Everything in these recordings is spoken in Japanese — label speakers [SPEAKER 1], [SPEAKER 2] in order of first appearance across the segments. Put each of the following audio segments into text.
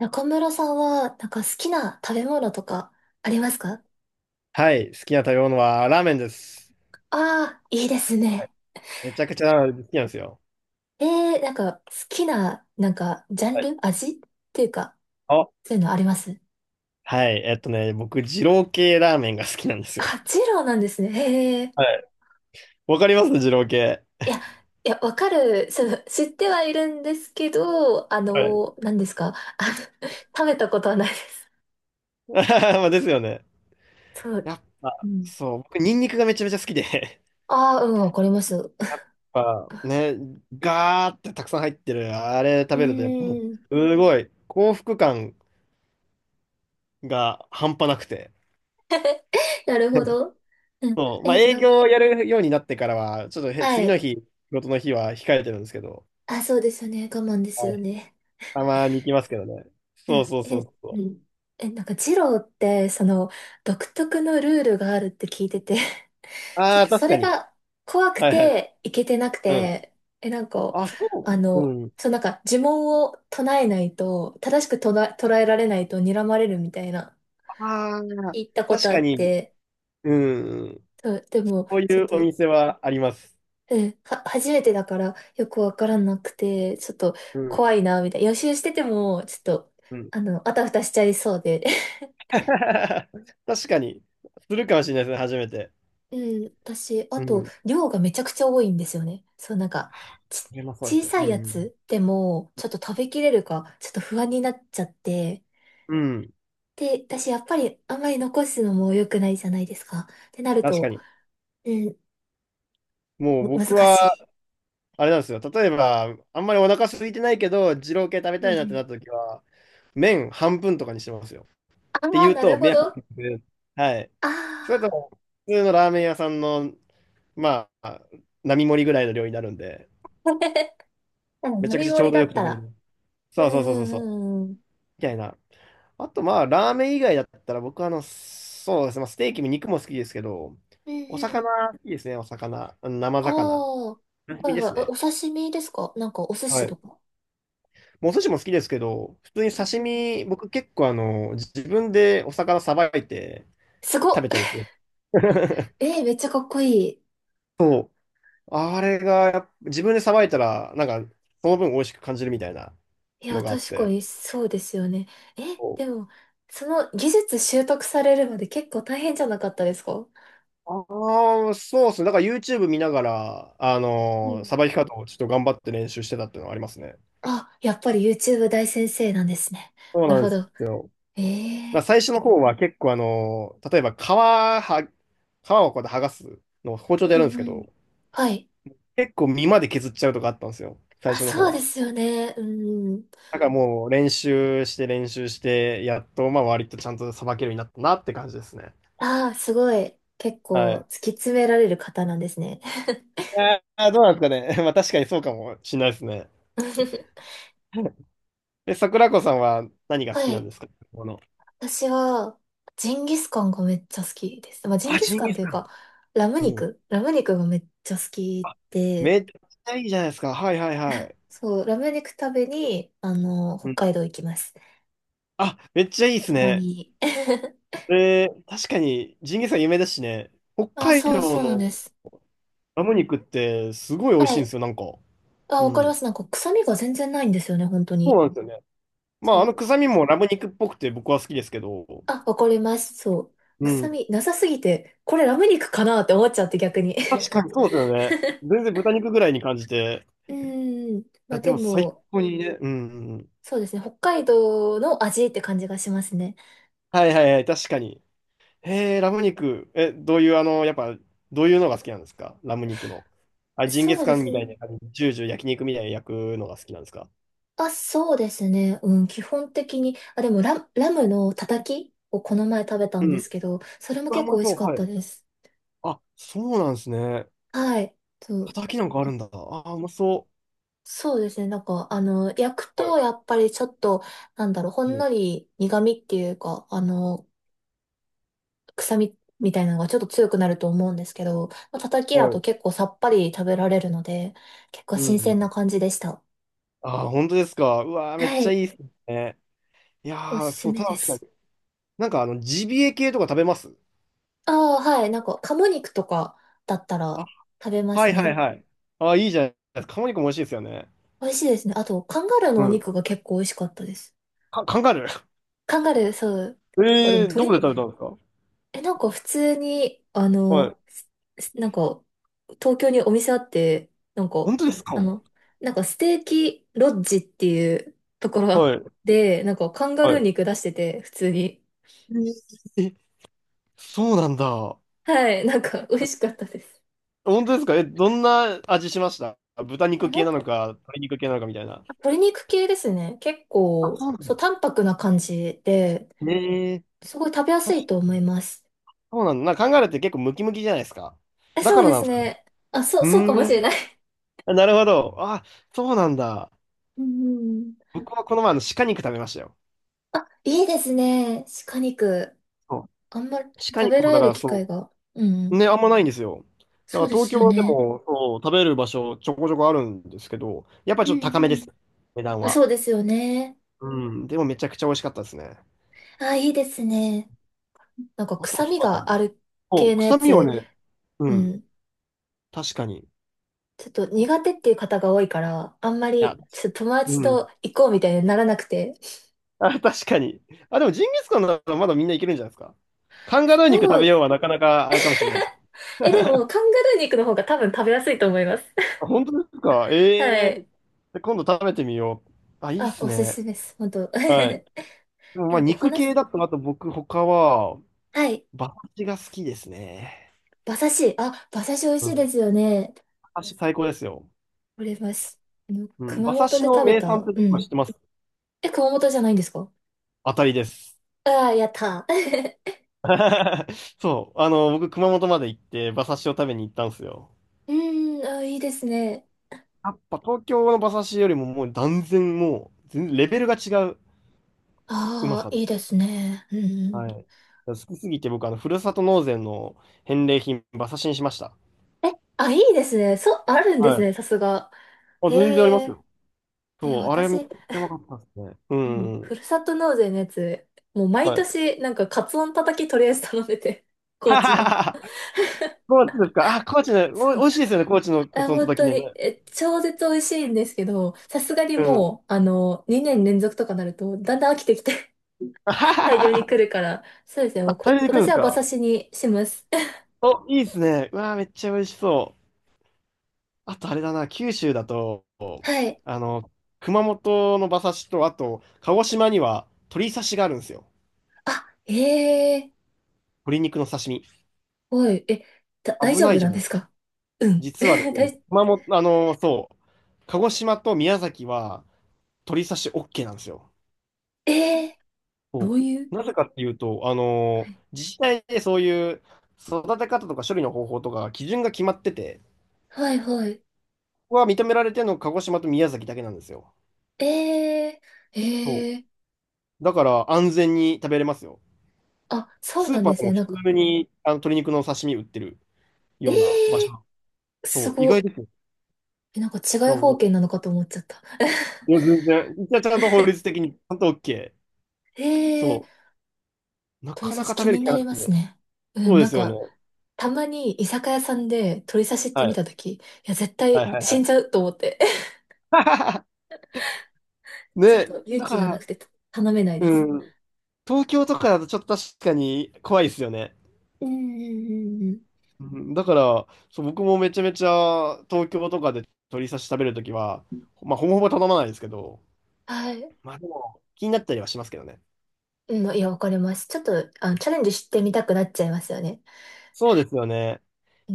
[SPEAKER 1] 中村さんは、なんか好きな食べ物とかありますか？
[SPEAKER 2] はい、好きな食べ物はラーメンです。
[SPEAKER 1] ああー、いいです
[SPEAKER 2] はい、
[SPEAKER 1] ね。
[SPEAKER 2] めちゃくちゃラーメン好きなんですよ。
[SPEAKER 1] えなんか好きな、ジャン
[SPEAKER 2] はい。
[SPEAKER 1] ル味っていうか、
[SPEAKER 2] あ、
[SPEAKER 1] そういうのあります？
[SPEAKER 2] はい、僕、二郎系ラーメンが好きなんですよ。
[SPEAKER 1] あ、ジローなんですね。へえ。
[SPEAKER 2] はい。わかります二郎系。
[SPEAKER 1] いや、いや、わかる。その、知ってはいるんですけど、
[SPEAKER 2] はい。
[SPEAKER 1] 何ですか、あの 食べたことはないです。
[SPEAKER 2] まあですよね。
[SPEAKER 1] そう。
[SPEAKER 2] やっ
[SPEAKER 1] う
[SPEAKER 2] ぱ
[SPEAKER 1] ん。
[SPEAKER 2] そう、僕、ニンニクがめちゃめちゃ好きで、
[SPEAKER 1] ああ、うん、わかります。う
[SPEAKER 2] やっぱね、ガーってたくさん入ってる、あれ食
[SPEAKER 1] ー
[SPEAKER 2] べると、やっぱも
[SPEAKER 1] ん。
[SPEAKER 2] う、すごい、幸福感が半端なくて。
[SPEAKER 1] なるほ ど。うん。
[SPEAKER 2] そう、まあ営業をやるようになってからは、ちょっとへ
[SPEAKER 1] は
[SPEAKER 2] 次の
[SPEAKER 1] い。
[SPEAKER 2] 日、仕事の日は控えてるんですけど、
[SPEAKER 1] あ、そうですよね。我慢ですよね。
[SPEAKER 2] たまに行きますけどね。
[SPEAKER 1] う
[SPEAKER 2] そう
[SPEAKER 1] ん、
[SPEAKER 2] そう
[SPEAKER 1] え、
[SPEAKER 2] そう
[SPEAKER 1] う
[SPEAKER 2] そ
[SPEAKER 1] ん。え、なんか、ジローって、その、独特のルールがあるって聞いてて、
[SPEAKER 2] う。
[SPEAKER 1] ちょ
[SPEAKER 2] あ
[SPEAKER 1] っ
[SPEAKER 2] あ、
[SPEAKER 1] と
[SPEAKER 2] 確
[SPEAKER 1] そ
[SPEAKER 2] か
[SPEAKER 1] れ
[SPEAKER 2] に。
[SPEAKER 1] が怖く
[SPEAKER 2] はいはい。
[SPEAKER 1] て、いけてなく
[SPEAKER 2] うん。
[SPEAKER 1] て、え、なんか、
[SPEAKER 2] あ、そ
[SPEAKER 1] あ
[SPEAKER 2] う。
[SPEAKER 1] の、
[SPEAKER 2] うん。
[SPEAKER 1] そう、なんか、呪文を唱えないと、正しく捉えられないと睨まれるみたいな、
[SPEAKER 2] ああ、
[SPEAKER 1] 聞いたこ
[SPEAKER 2] 確
[SPEAKER 1] とあ
[SPEAKER 2] か
[SPEAKER 1] っ
[SPEAKER 2] に。
[SPEAKER 1] て、
[SPEAKER 2] うん。
[SPEAKER 1] そう。でも、
[SPEAKER 2] こう
[SPEAKER 1] ちょ
[SPEAKER 2] い
[SPEAKER 1] っ
[SPEAKER 2] うお
[SPEAKER 1] と、
[SPEAKER 2] 店はあります。
[SPEAKER 1] うん、は、初めてだから、よくわからなくて、ちょっと、
[SPEAKER 2] うん。
[SPEAKER 1] 怖いな、みたいな。予習してても、ちょっと、
[SPEAKER 2] うん。
[SPEAKER 1] あたふたしちゃいそうで。
[SPEAKER 2] 確かに。するかもしれないですね、初めて。
[SPEAKER 1] うん、私、あ
[SPEAKER 2] う
[SPEAKER 1] と、
[SPEAKER 2] ん。
[SPEAKER 1] 量がめちゃくちゃ多いんですよね。ち、
[SPEAKER 2] でもそうで
[SPEAKER 1] 小
[SPEAKER 2] すね。
[SPEAKER 1] さ
[SPEAKER 2] う
[SPEAKER 1] いや
[SPEAKER 2] ん。
[SPEAKER 1] つでも、ちょっと食べきれるか、ちょっと不安になっちゃって。
[SPEAKER 2] うん。
[SPEAKER 1] で、私、やっぱり、あんまり残すのも良くないじゃないですか。ってなる
[SPEAKER 2] 確か
[SPEAKER 1] と、
[SPEAKER 2] に。
[SPEAKER 1] うん、
[SPEAKER 2] もう
[SPEAKER 1] 難
[SPEAKER 2] 僕は、
[SPEAKER 1] し
[SPEAKER 2] あれなんですよ。例えば、あんまりお腹空いてないけど、二郎系食べ
[SPEAKER 1] い。
[SPEAKER 2] た
[SPEAKER 1] う
[SPEAKER 2] い
[SPEAKER 1] んう
[SPEAKER 2] なってなっ
[SPEAKER 1] ん。
[SPEAKER 2] た時は、麺半分とかにしてますよ。
[SPEAKER 1] あ
[SPEAKER 2] って
[SPEAKER 1] あ、
[SPEAKER 2] 言う
[SPEAKER 1] な
[SPEAKER 2] と、
[SPEAKER 1] るほ
[SPEAKER 2] 目をか
[SPEAKER 1] ど。あ
[SPEAKER 2] ける。はい。
[SPEAKER 1] あ。
[SPEAKER 2] それとも、普通のラーメン屋さんの、まあ、並盛りぐらいの量になるんで、
[SPEAKER 1] うん、
[SPEAKER 2] めちゃく
[SPEAKER 1] 並
[SPEAKER 2] ちゃち
[SPEAKER 1] 盛
[SPEAKER 2] ょう
[SPEAKER 1] り
[SPEAKER 2] ど
[SPEAKER 1] だ
[SPEAKER 2] よ
[SPEAKER 1] っ
[SPEAKER 2] く
[SPEAKER 1] た
[SPEAKER 2] 食べれ
[SPEAKER 1] ら。
[SPEAKER 2] る。
[SPEAKER 1] う
[SPEAKER 2] そうそ
[SPEAKER 1] ん
[SPEAKER 2] うそうそうそう。
[SPEAKER 1] うんうんうん。
[SPEAKER 2] みたいな。あと、まあ、ラーメン以外だったら、僕、あの、そうですね、まあ、ステーキも肉も好きですけど、
[SPEAKER 1] うんう
[SPEAKER 2] お魚、
[SPEAKER 1] ん。
[SPEAKER 2] 好きですね、お魚。あの生
[SPEAKER 1] あ
[SPEAKER 2] 魚。
[SPEAKER 1] あ。は
[SPEAKER 2] 刺身
[SPEAKER 1] い
[SPEAKER 2] で
[SPEAKER 1] はい。
[SPEAKER 2] す
[SPEAKER 1] え
[SPEAKER 2] ね。
[SPEAKER 1] お刺身ですか？なんか、お寿
[SPEAKER 2] は
[SPEAKER 1] 司と
[SPEAKER 2] い。
[SPEAKER 1] か。
[SPEAKER 2] もうお寿司も好きですけど、普通に
[SPEAKER 1] うん
[SPEAKER 2] 刺
[SPEAKER 1] うん、
[SPEAKER 2] 身、僕結構あの、自分でお魚さばいて
[SPEAKER 1] すご
[SPEAKER 2] 食べたり
[SPEAKER 1] っ。
[SPEAKER 2] する。
[SPEAKER 1] えー、めっちゃかっこいい。
[SPEAKER 2] そう。あれがやっぱ、自分でさばいたら、なんか、その分美味しく感じるみたいな
[SPEAKER 1] いや、
[SPEAKER 2] のがあっ
[SPEAKER 1] 確か
[SPEAKER 2] て。
[SPEAKER 1] にそうですよね。え、
[SPEAKER 2] そう。
[SPEAKER 1] でも、その技術習得されるまで結構大変じゃなかったですか？
[SPEAKER 2] ああ、そうですね。だから YouTube 見ながら、
[SPEAKER 1] うん。
[SPEAKER 2] さばき方をちょっと頑張って練習してたっていうのはありますね。
[SPEAKER 1] あ、やっぱり YouTube 大先生なんですね。
[SPEAKER 2] そう
[SPEAKER 1] なる
[SPEAKER 2] なん
[SPEAKER 1] ほ
[SPEAKER 2] です
[SPEAKER 1] ど。
[SPEAKER 2] よ。
[SPEAKER 1] え
[SPEAKER 2] だから
[SPEAKER 1] え、
[SPEAKER 2] 最初の方は結構例えば皮は、皮をこうやって剥がすのを包
[SPEAKER 1] う
[SPEAKER 2] 丁でやるんです
[SPEAKER 1] ん
[SPEAKER 2] け
[SPEAKER 1] うん。
[SPEAKER 2] ど、
[SPEAKER 1] はい。
[SPEAKER 2] 結構身まで削っちゃうとかあったんですよ。最
[SPEAKER 1] あ、
[SPEAKER 2] 初の方
[SPEAKER 1] そうで
[SPEAKER 2] は。
[SPEAKER 1] すよね。うん。
[SPEAKER 2] だからもう練習して練習して、やっとまあ割とちゃんとさばけるようになったなって感じですね。
[SPEAKER 1] ああ、すごい。結
[SPEAKER 2] は
[SPEAKER 1] 構
[SPEAKER 2] い。
[SPEAKER 1] 突き詰められる方なんですね。
[SPEAKER 2] あーどうなんですかね。まあ確かにそうかもしれないですね。え、桜子さんは何が
[SPEAKER 1] は
[SPEAKER 2] 好きなん
[SPEAKER 1] い。
[SPEAKER 2] ですか、この？
[SPEAKER 1] 私は、ジンギスカンがめっちゃ好きです。まあ、ジン
[SPEAKER 2] あ、
[SPEAKER 1] ギス
[SPEAKER 2] ジン
[SPEAKER 1] カン
[SPEAKER 2] ギ
[SPEAKER 1] と
[SPEAKER 2] ス
[SPEAKER 1] いう
[SPEAKER 2] カン。
[SPEAKER 1] か、
[SPEAKER 2] うん。
[SPEAKER 1] ラム肉がめっちゃ好き
[SPEAKER 2] あ、
[SPEAKER 1] で、
[SPEAKER 2] めっちゃいいじゃないですか。はいはいはい。
[SPEAKER 1] そう、ラム肉食べに、あの、北
[SPEAKER 2] うん。
[SPEAKER 1] 海道行きます。
[SPEAKER 2] あ、めっちゃいいです
[SPEAKER 1] たま
[SPEAKER 2] ね。
[SPEAKER 1] に。
[SPEAKER 2] えー、確かにジンギスカン有名だしね。北
[SPEAKER 1] あ、
[SPEAKER 2] 海
[SPEAKER 1] そう、
[SPEAKER 2] 道
[SPEAKER 1] そうなんで
[SPEAKER 2] の
[SPEAKER 1] す。
[SPEAKER 2] ラム肉ってすごい美味
[SPEAKER 1] は
[SPEAKER 2] しいんで
[SPEAKER 1] い。
[SPEAKER 2] すよ、なんか。
[SPEAKER 1] あ、
[SPEAKER 2] う
[SPEAKER 1] わかりま
[SPEAKER 2] ん。
[SPEAKER 1] す。なんか、臭みが全然ないんですよね、本当
[SPEAKER 2] そう
[SPEAKER 1] に。
[SPEAKER 2] なんですよね。ま
[SPEAKER 1] そ
[SPEAKER 2] ああの
[SPEAKER 1] う。
[SPEAKER 2] 臭みもラム肉っぽくて僕は好きですけど。
[SPEAKER 1] あ、わかります。そう。
[SPEAKER 2] う
[SPEAKER 1] 臭
[SPEAKER 2] ん。
[SPEAKER 1] みなさすぎて、これラム肉かなって思っちゃって逆に。
[SPEAKER 2] 確 かにそうですよね。全然豚肉ぐらいに感じて。
[SPEAKER 1] うーん。
[SPEAKER 2] い
[SPEAKER 1] ま
[SPEAKER 2] や
[SPEAKER 1] あ
[SPEAKER 2] で
[SPEAKER 1] で
[SPEAKER 2] も最
[SPEAKER 1] も、
[SPEAKER 2] 高にね。うんうんうん。
[SPEAKER 1] そうですね。北海道の味って感じがしますね。
[SPEAKER 2] はいはいはい、確かに。へえ、ラム肉。え、どういう、あの、やっぱ、どういうのが好きなんですか、ラム肉の？あ、ジンギ
[SPEAKER 1] そ
[SPEAKER 2] ス
[SPEAKER 1] うで
[SPEAKER 2] カン
[SPEAKER 1] す
[SPEAKER 2] みたい
[SPEAKER 1] ね。
[SPEAKER 2] な感じ、ジュージュー焼肉みたいに焼くのが好きなんですか？
[SPEAKER 1] あ、そうですね。うん、基本的に。あ、でもラ、ラムのたたきをこの前食べた
[SPEAKER 2] う
[SPEAKER 1] んで
[SPEAKER 2] ん。う
[SPEAKER 1] すけど、それも
[SPEAKER 2] わ、う
[SPEAKER 1] 結構
[SPEAKER 2] ま
[SPEAKER 1] 美味
[SPEAKER 2] そ
[SPEAKER 1] し
[SPEAKER 2] う、
[SPEAKER 1] かっ
[SPEAKER 2] はい。
[SPEAKER 1] たです。
[SPEAKER 2] あ、そうなんですね。
[SPEAKER 1] はい。そう。
[SPEAKER 2] 叩きなんかある
[SPEAKER 1] あ、
[SPEAKER 2] んだ。あー、うまそ
[SPEAKER 1] そうですね。なんか、あの、焼く
[SPEAKER 2] う。はい。
[SPEAKER 1] と、やっぱりちょっと、なんだろう、ほ
[SPEAKER 2] う
[SPEAKER 1] ん
[SPEAKER 2] ん
[SPEAKER 1] のり苦味っていうか、臭みみたいなのがちょっと強くなると思うんですけど、まあ、叩きだ
[SPEAKER 2] は
[SPEAKER 1] と
[SPEAKER 2] い。
[SPEAKER 1] 結構さっぱり食べられるので、結構
[SPEAKER 2] うん
[SPEAKER 1] 新
[SPEAKER 2] う
[SPEAKER 1] 鮮
[SPEAKER 2] ん。
[SPEAKER 1] な感じでした。
[SPEAKER 2] あー、本当ですか？うわー、めっ
[SPEAKER 1] は
[SPEAKER 2] ちゃ
[SPEAKER 1] い。
[SPEAKER 2] いいですね。い
[SPEAKER 1] おす
[SPEAKER 2] やー、
[SPEAKER 1] す
[SPEAKER 2] そう、
[SPEAKER 1] めで
[SPEAKER 2] 確かに。
[SPEAKER 1] す。
[SPEAKER 2] なんか、あの、ジビエ系とか食べます？
[SPEAKER 1] ああ、はい。なんか、鴨肉とかだった
[SPEAKER 2] あ、
[SPEAKER 1] ら食べま
[SPEAKER 2] は
[SPEAKER 1] す
[SPEAKER 2] いはい
[SPEAKER 1] ね。
[SPEAKER 2] はい。あー、いいじゃないですか。鴨肉も美味しいですよね。
[SPEAKER 1] 美味しいですね。あと、カンガルーの
[SPEAKER 2] う
[SPEAKER 1] お
[SPEAKER 2] ん。
[SPEAKER 1] 肉が結構美味しかったです。
[SPEAKER 2] か、カンガルー。
[SPEAKER 1] カンガルー、そう。結構でも
[SPEAKER 2] ええーどこ
[SPEAKER 1] 鶏、
[SPEAKER 2] で食べたんですか？
[SPEAKER 1] え、なんか普通に、あ
[SPEAKER 2] は
[SPEAKER 1] の、
[SPEAKER 2] い。
[SPEAKER 1] すすなんか、東京にお店あって、
[SPEAKER 2] 本当ですか？
[SPEAKER 1] あの、ステーキロッジっていうところがあっ
[SPEAKER 2] はい。
[SPEAKER 1] て、なんかカンガ
[SPEAKER 2] は
[SPEAKER 1] ルー
[SPEAKER 2] い。
[SPEAKER 1] 肉出してて、普通に。
[SPEAKER 2] えーそうなんだ。
[SPEAKER 1] はい、なんか美味しかったです。
[SPEAKER 2] 本当ですか？え、どんな味しました？豚
[SPEAKER 1] え、
[SPEAKER 2] 肉
[SPEAKER 1] な
[SPEAKER 2] 系
[SPEAKER 1] ん
[SPEAKER 2] なの
[SPEAKER 1] か、
[SPEAKER 2] か、鶏肉系なのかみたいな。
[SPEAKER 1] 鶏肉系ですね。結
[SPEAKER 2] あ、
[SPEAKER 1] 構、
[SPEAKER 2] そうなん
[SPEAKER 1] そう、
[SPEAKER 2] だ。
[SPEAKER 1] 淡白な感じで、
[SPEAKER 2] ええ
[SPEAKER 1] すごい食べやすい
[SPEAKER 2] ー、
[SPEAKER 1] と思います。
[SPEAKER 2] そうなんだ。なんか考えるって結構ムキムキじゃないですか。
[SPEAKER 1] え、
[SPEAKER 2] だ
[SPEAKER 1] そ
[SPEAKER 2] か
[SPEAKER 1] う
[SPEAKER 2] ら
[SPEAKER 1] で
[SPEAKER 2] なん
[SPEAKER 1] す
[SPEAKER 2] ですかね。
[SPEAKER 1] ね。あ、そ
[SPEAKER 2] う
[SPEAKER 1] う、そうかも
[SPEAKER 2] ー
[SPEAKER 1] しれ
[SPEAKER 2] ん。
[SPEAKER 1] ない。
[SPEAKER 2] あなるほど。あ、そうなんだ。
[SPEAKER 1] うんうんうん。
[SPEAKER 2] 僕はこの前あの鹿肉食べましたよ。
[SPEAKER 1] あ、いいですね。鹿肉。
[SPEAKER 2] そう、
[SPEAKER 1] あんま
[SPEAKER 2] 鹿
[SPEAKER 1] 食べ
[SPEAKER 2] 肉
[SPEAKER 1] ら
[SPEAKER 2] もだ
[SPEAKER 1] れ
[SPEAKER 2] か
[SPEAKER 1] る
[SPEAKER 2] ら
[SPEAKER 1] 機会
[SPEAKER 2] そ
[SPEAKER 1] が。う
[SPEAKER 2] う
[SPEAKER 1] ん。
[SPEAKER 2] ね、あんまないんですよ。だ
[SPEAKER 1] そ
[SPEAKER 2] か
[SPEAKER 1] う
[SPEAKER 2] ら
[SPEAKER 1] で
[SPEAKER 2] 東
[SPEAKER 1] す
[SPEAKER 2] 京
[SPEAKER 1] よ
[SPEAKER 2] はで
[SPEAKER 1] ね。
[SPEAKER 2] も、そう食べる場所ちょこちょこあるんですけど、やっぱり
[SPEAKER 1] う
[SPEAKER 2] ちょっと高めです。
[SPEAKER 1] ん
[SPEAKER 2] 値段
[SPEAKER 1] うん。
[SPEAKER 2] は。
[SPEAKER 1] そうですよね。
[SPEAKER 2] うん。でもめちゃくちゃ美味しかったですね。
[SPEAKER 1] あ、いいですね。なんか
[SPEAKER 2] あと、
[SPEAKER 1] 臭
[SPEAKER 2] そう
[SPEAKER 1] み
[SPEAKER 2] だ
[SPEAKER 1] が
[SPEAKER 2] な。
[SPEAKER 1] ある
[SPEAKER 2] そう、
[SPEAKER 1] 系のや
[SPEAKER 2] 臭みは
[SPEAKER 1] つ、
[SPEAKER 2] ね、う
[SPEAKER 1] う
[SPEAKER 2] ん。
[SPEAKER 1] ん。
[SPEAKER 2] 確かに。
[SPEAKER 1] ちょっと
[SPEAKER 2] あ、い
[SPEAKER 1] 苦手っていう方が多いから、あんま
[SPEAKER 2] や、
[SPEAKER 1] りちょっと友達
[SPEAKER 2] うん。
[SPEAKER 1] と行こうみたいにならなくて。
[SPEAKER 2] あ、確かに。あ、でもジンギスカンならまだみんないけるんじゃないですか。カンガルー肉
[SPEAKER 1] そ
[SPEAKER 2] 食べ
[SPEAKER 1] う。
[SPEAKER 2] ようはなかなかあれかもしれないです。
[SPEAKER 1] え、でも、カンガルー肉の方が多分食べやすいと思います。
[SPEAKER 2] あ、本当ですか？え
[SPEAKER 1] はい。
[SPEAKER 2] え。で、今度食べてみよう。あ、いいっ
[SPEAKER 1] あ、
[SPEAKER 2] す
[SPEAKER 1] おす
[SPEAKER 2] ね。
[SPEAKER 1] すめです。本当。
[SPEAKER 2] で もまあ
[SPEAKER 1] なんかお
[SPEAKER 2] 肉
[SPEAKER 1] 話
[SPEAKER 2] 系
[SPEAKER 1] す、
[SPEAKER 2] だと、あと僕他は、
[SPEAKER 1] はい。
[SPEAKER 2] 馬刺しが好きですね。
[SPEAKER 1] 馬刺し。あ、馬刺し美味し
[SPEAKER 2] うん。
[SPEAKER 1] いで
[SPEAKER 2] 馬
[SPEAKER 1] すよね。
[SPEAKER 2] 刺し最高ですよ。
[SPEAKER 1] これます。あの、
[SPEAKER 2] うん。
[SPEAKER 1] 熊
[SPEAKER 2] 馬刺
[SPEAKER 1] 本
[SPEAKER 2] し
[SPEAKER 1] で
[SPEAKER 2] の
[SPEAKER 1] 食べ
[SPEAKER 2] 名産っ
[SPEAKER 1] た。
[SPEAKER 2] て
[SPEAKER 1] う
[SPEAKER 2] どこか知
[SPEAKER 1] ん。
[SPEAKER 2] ってます？
[SPEAKER 1] え、熊本じゃないんですか？
[SPEAKER 2] 当たりです。
[SPEAKER 1] ああー、やったー。
[SPEAKER 2] そう。あの、僕、熊本まで行って、馬刺しを食べに行ったんですよ。
[SPEAKER 1] うーん、あー、いいですね。
[SPEAKER 2] やっぱ東京の馬刺しよりももう断然もう、全レベルが違ううま
[SPEAKER 1] ああ、
[SPEAKER 2] さ
[SPEAKER 1] い
[SPEAKER 2] で。
[SPEAKER 1] いですね。うん。
[SPEAKER 2] はい。好きすぎて僕、あの、ふるさと納税の返礼品、馬刺しにしました。
[SPEAKER 1] え、あ、いいですね。そう、あるんで
[SPEAKER 2] は
[SPEAKER 1] す
[SPEAKER 2] い。
[SPEAKER 1] ね、さすが。
[SPEAKER 2] あ、
[SPEAKER 1] へ
[SPEAKER 2] 全然あります
[SPEAKER 1] え。
[SPEAKER 2] よ。
[SPEAKER 1] え、
[SPEAKER 2] そう、あれめっち
[SPEAKER 1] 私、
[SPEAKER 2] ゃうまかったですね。う
[SPEAKER 1] う
[SPEAKER 2] ん
[SPEAKER 1] ん、
[SPEAKER 2] う
[SPEAKER 1] ふ
[SPEAKER 2] ん。
[SPEAKER 1] るさと納税のやつ、もう毎
[SPEAKER 2] はい。
[SPEAKER 1] 年、なんか、カツオのたたきとりあえず頼んでて、高知の。
[SPEAKER 2] 高知ですか。あ、高知ね。
[SPEAKER 1] そ
[SPEAKER 2] お、
[SPEAKER 1] う。
[SPEAKER 2] 美味しいですよね、高知のカツ
[SPEAKER 1] あ、
[SPEAKER 2] 丼の
[SPEAKER 1] 本
[SPEAKER 2] 時
[SPEAKER 1] 当
[SPEAKER 2] ね。
[SPEAKER 1] に、え、超絶美味しいんですけど、さすがに
[SPEAKER 2] うん。
[SPEAKER 1] もう、あの、2年連続とかなると、だんだん飽きてきて
[SPEAKER 2] あは
[SPEAKER 1] 大
[SPEAKER 2] は
[SPEAKER 1] 量に来
[SPEAKER 2] は。
[SPEAKER 1] るから、そうですね、も
[SPEAKER 2] あ、
[SPEAKER 1] う
[SPEAKER 2] 大
[SPEAKER 1] こ、
[SPEAKER 2] 量に
[SPEAKER 1] 今
[SPEAKER 2] 来るんで
[SPEAKER 1] 年
[SPEAKER 2] す
[SPEAKER 1] は馬刺
[SPEAKER 2] か？
[SPEAKER 1] しにします。
[SPEAKER 2] お、いいですね。うわー、めっちゃ美味しそう。あとあれだな、九州だと、
[SPEAKER 1] はい。
[SPEAKER 2] あの、熊本の馬刺しと、あと、鹿児島には鶏刺しがあるんですよ。
[SPEAKER 1] あ、ええー、
[SPEAKER 2] 鶏肉の刺身。
[SPEAKER 1] おい、え、だ、大
[SPEAKER 2] 危
[SPEAKER 1] 丈
[SPEAKER 2] な
[SPEAKER 1] 夫
[SPEAKER 2] いじ
[SPEAKER 1] な
[SPEAKER 2] ゃ
[SPEAKER 1] んで
[SPEAKER 2] ん。
[SPEAKER 1] すか？うん。
[SPEAKER 2] 実はで すね、
[SPEAKER 1] 大、
[SPEAKER 2] 熊本、あの、そう、鹿児島と宮崎は鶏刺し OK なんですよ。
[SPEAKER 1] ええー、ど
[SPEAKER 2] そ
[SPEAKER 1] ういう、
[SPEAKER 2] う。なぜかっていうと、
[SPEAKER 1] はい、
[SPEAKER 2] 自治体でそういう育て方とか処理の方法とか基準が決まってて、
[SPEAKER 1] はい、はい。
[SPEAKER 2] ここが認められてるのが鹿児島と宮崎だけなんですよ。
[SPEAKER 1] えー、え
[SPEAKER 2] そ
[SPEAKER 1] ー、
[SPEAKER 2] う。だから安全に食べれますよ。
[SPEAKER 1] あ、そう
[SPEAKER 2] スー
[SPEAKER 1] なん
[SPEAKER 2] パ
[SPEAKER 1] で
[SPEAKER 2] ーで
[SPEAKER 1] すね。
[SPEAKER 2] も普
[SPEAKER 1] なんか、
[SPEAKER 2] 通にあの鶏肉の刺身売ってる
[SPEAKER 1] え
[SPEAKER 2] ような場
[SPEAKER 1] え
[SPEAKER 2] 所。
[SPEAKER 1] ー、
[SPEAKER 2] そ
[SPEAKER 1] す
[SPEAKER 2] う、意
[SPEAKER 1] ご
[SPEAKER 2] 外で
[SPEAKER 1] い。
[SPEAKER 2] すよ。
[SPEAKER 1] え、なんか違
[SPEAKER 2] だ
[SPEAKER 1] い
[SPEAKER 2] から
[SPEAKER 1] 方形
[SPEAKER 2] も
[SPEAKER 1] なのかと思っちゃった。
[SPEAKER 2] う、いや、全然。一応ちゃんと法律的にちゃんと OK。
[SPEAKER 1] ええ
[SPEAKER 2] そ
[SPEAKER 1] ー、
[SPEAKER 2] う。な
[SPEAKER 1] 鳥
[SPEAKER 2] か
[SPEAKER 1] 刺
[SPEAKER 2] なか
[SPEAKER 1] し
[SPEAKER 2] 食
[SPEAKER 1] 気
[SPEAKER 2] べる
[SPEAKER 1] に
[SPEAKER 2] 気
[SPEAKER 1] な
[SPEAKER 2] がな
[SPEAKER 1] りま
[SPEAKER 2] く
[SPEAKER 1] す
[SPEAKER 2] て。
[SPEAKER 1] ね。う
[SPEAKER 2] そ
[SPEAKER 1] ん、
[SPEAKER 2] うで
[SPEAKER 1] なん
[SPEAKER 2] すよね。
[SPEAKER 1] か、たまに居酒屋さんで鳥刺しって
[SPEAKER 2] は
[SPEAKER 1] 見
[SPEAKER 2] い。
[SPEAKER 1] たとき、いや、絶
[SPEAKER 2] は
[SPEAKER 1] 対
[SPEAKER 2] いはいは
[SPEAKER 1] 死ん
[SPEAKER 2] い。
[SPEAKER 1] じゃうと思って。ちょっ
[SPEAKER 2] ね、
[SPEAKER 1] と勇
[SPEAKER 2] だか
[SPEAKER 1] 気がな
[SPEAKER 2] ら、
[SPEAKER 1] くて頼めない
[SPEAKER 2] う
[SPEAKER 1] です。
[SPEAKER 2] ん。東京とかだとちょっと確かに怖いですよね。
[SPEAKER 1] うんうんうんうん。
[SPEAKER 2] うん。だから、そう、僕もめちゃめちゃ東京とかで鶏刺し食べるときは、まあ、ほぼほぼ頼まないですけど、
[SPEAKER 1] はい。
[SPEAKER 2] まあでも、気になったりはしますけどね。
[SPEAKER 1] うん、いや、わかります。ちょっと、あの、チャレンジしてみたくなっちゃいますよね。
[SPEAKER 2] そうですよね。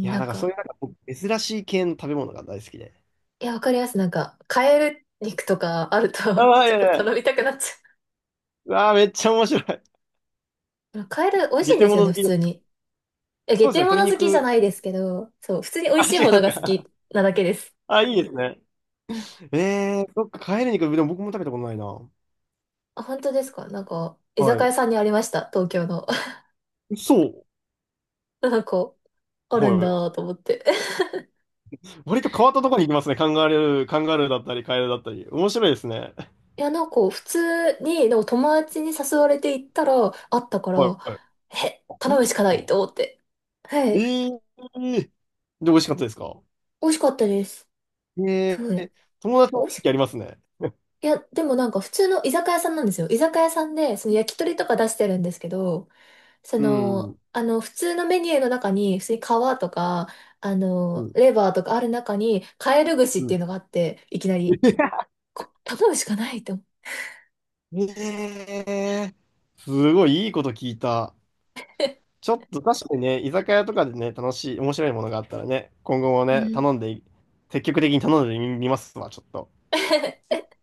[SPEAKER 2] いや、だ
[SPEAKER 1] ん
[SPEAKER 2] からそう
[SPEAKER 1] か、
[SPEAKER 2] いうなんかこう珍しい系の食べ物が大好きで。
[SPEAKER 1] いや、わかります。なんか、カエル肉とかあると
[SPEAKER 2] あ あ、い
[SPEAKER 1] ちょ
[SPEAKER 2] や
[SPEAKER 1] っ
[SPEAKER 2] い
[SPEAKER 1] と
[SPEAKER 2] やいや。
[SPEAKER 1] 頼みたくなっちゃ
[SPEAKER 2] うわあ、めっちゃ面白い。
[SPEAKER 1] う。カエル美味し
[SPEAKER 2] ゲ
[SPEAKER 1] いん
[SPEAKER 2] テ
[SPEAKER 1] です
[SPEAKER 2] モ
[SPEAKER 1] よ
[SPEAKER 2] ノ
[SPEAKER 1] ね、
[SPEAKER 2] 好
[SPEAKER 1] 普
[SPEAKER 2] きで
[SPEAKER 1] 通
[SPEAKER 2] す。
[SPEAKER 1] に。え、下
[SPEAKER 2] そうですね、
[SPEAKER 1] 手
[SPEAKER 2] 鶏
[SPEAKER 1] 物好きじゃな
[SPEAKER 2] 肉。
[SPEAKER 1] いですけど、そう、普通に美
[SPEAKER 2] あ、
[SPEAKER 1] 味しい
[SPEAKER 2] 違
[SPEAKER 1] もの
[SPEAKER 2] う
[SPEAKER 1] が好
[SPEAKER 2] か。
[SPEAKER 1] きなだけです。
[SPEAKER 2] あ、いいですね。
[SPEAKER 1] うん、
[SPEAKER 2] えー、そっか、帰り肉、でも僕も食べたことないな。
[SPEAKER 1] あ、本当ですか？なんか、居酒
[SPEAKER 2] は
[SPEAKER 1] 屋さんにありました、東京の。
[SPEAKER 2] い。そう。
[SPEAKER 1] なんか、あるん
[SPEAKER 2] はい。
[SPEAKER 1] だと思って。
[SPEAKER 2] 割と変わったところに行きますね。カンガルー、カンガルーだったり、カエルだったり。面白いですね。
[SPEAKER 1] いや、なんか、普通に、でも友達に誘われて行ったら、あったか
[SPEAKER 2] はい
[SPEAKER 1] ら、
[SPEAKER 2] はい。
[SPEAKER 1] え、
[SPEAKER 2] あ、
[SPEAKER 1] 頼
[SPEAKER 2] 本
[SPEAKER 1] む
[SPEAKER 2] 当
[SPEAKER 1] し
[SPEAKER 2] で
[SPEAKER 1] か
[SPEAKER 2] す
[SPEAKER 1] ない
[SPEAKER 2] か？
[SPEAKER 1] と思って。はい。
[SPEAKER 2] ええー。で、美味しかったですか？
[SPEAKER 1] 美味しかったです。す
[SPEAKER 2] え
[SPEAKER 1] ご
[SPEAKER 2] え
[SPEAKER 1] い。
[SPEAKER 2] ー。友達
[SPEAKER 1] 美味
[SPEAKER 2] も
[SPEAKER 1] し、
[SPEAKER 2] やりますね。
[SPEAKER 1] いや、でもなんか普通の居酒屋さんなんですよ。居酒屋さんで、その焼き鳥とか出してるんですけど、そ
[SPEAKER 2] う
[SPEAKER 1] の、
[SPEAKER 2] ん。
[SPEAKER 1] あの、普通のメニューの中に、普通に皮とか、あ
[SPEAKER 2] う
[SPEAKER 1] の、
[SPEAKER 2] ん。
[SPEAKER 1] レバーとかある中に、カエル串っ
[SPEAKER 2] う
[SPEAKER 1] て
[SPEAKER 2] ん。
[SPEAKER 1] いうのがあって、いきなり、こ頼むしかないと思って。
[SPEAKER 2] ええー。すごいいいこと聞いた。ちょっと確かにね、居酒屋とかでね、楽しい、面白いものがあったらね、今後も
[SPEAKER 1] う
[SPEAKER 2] ね、
[SPEAKER 1] ん
[SPEAKER 2] 頼んで、積極的に頼んでみますわ、ちょっと。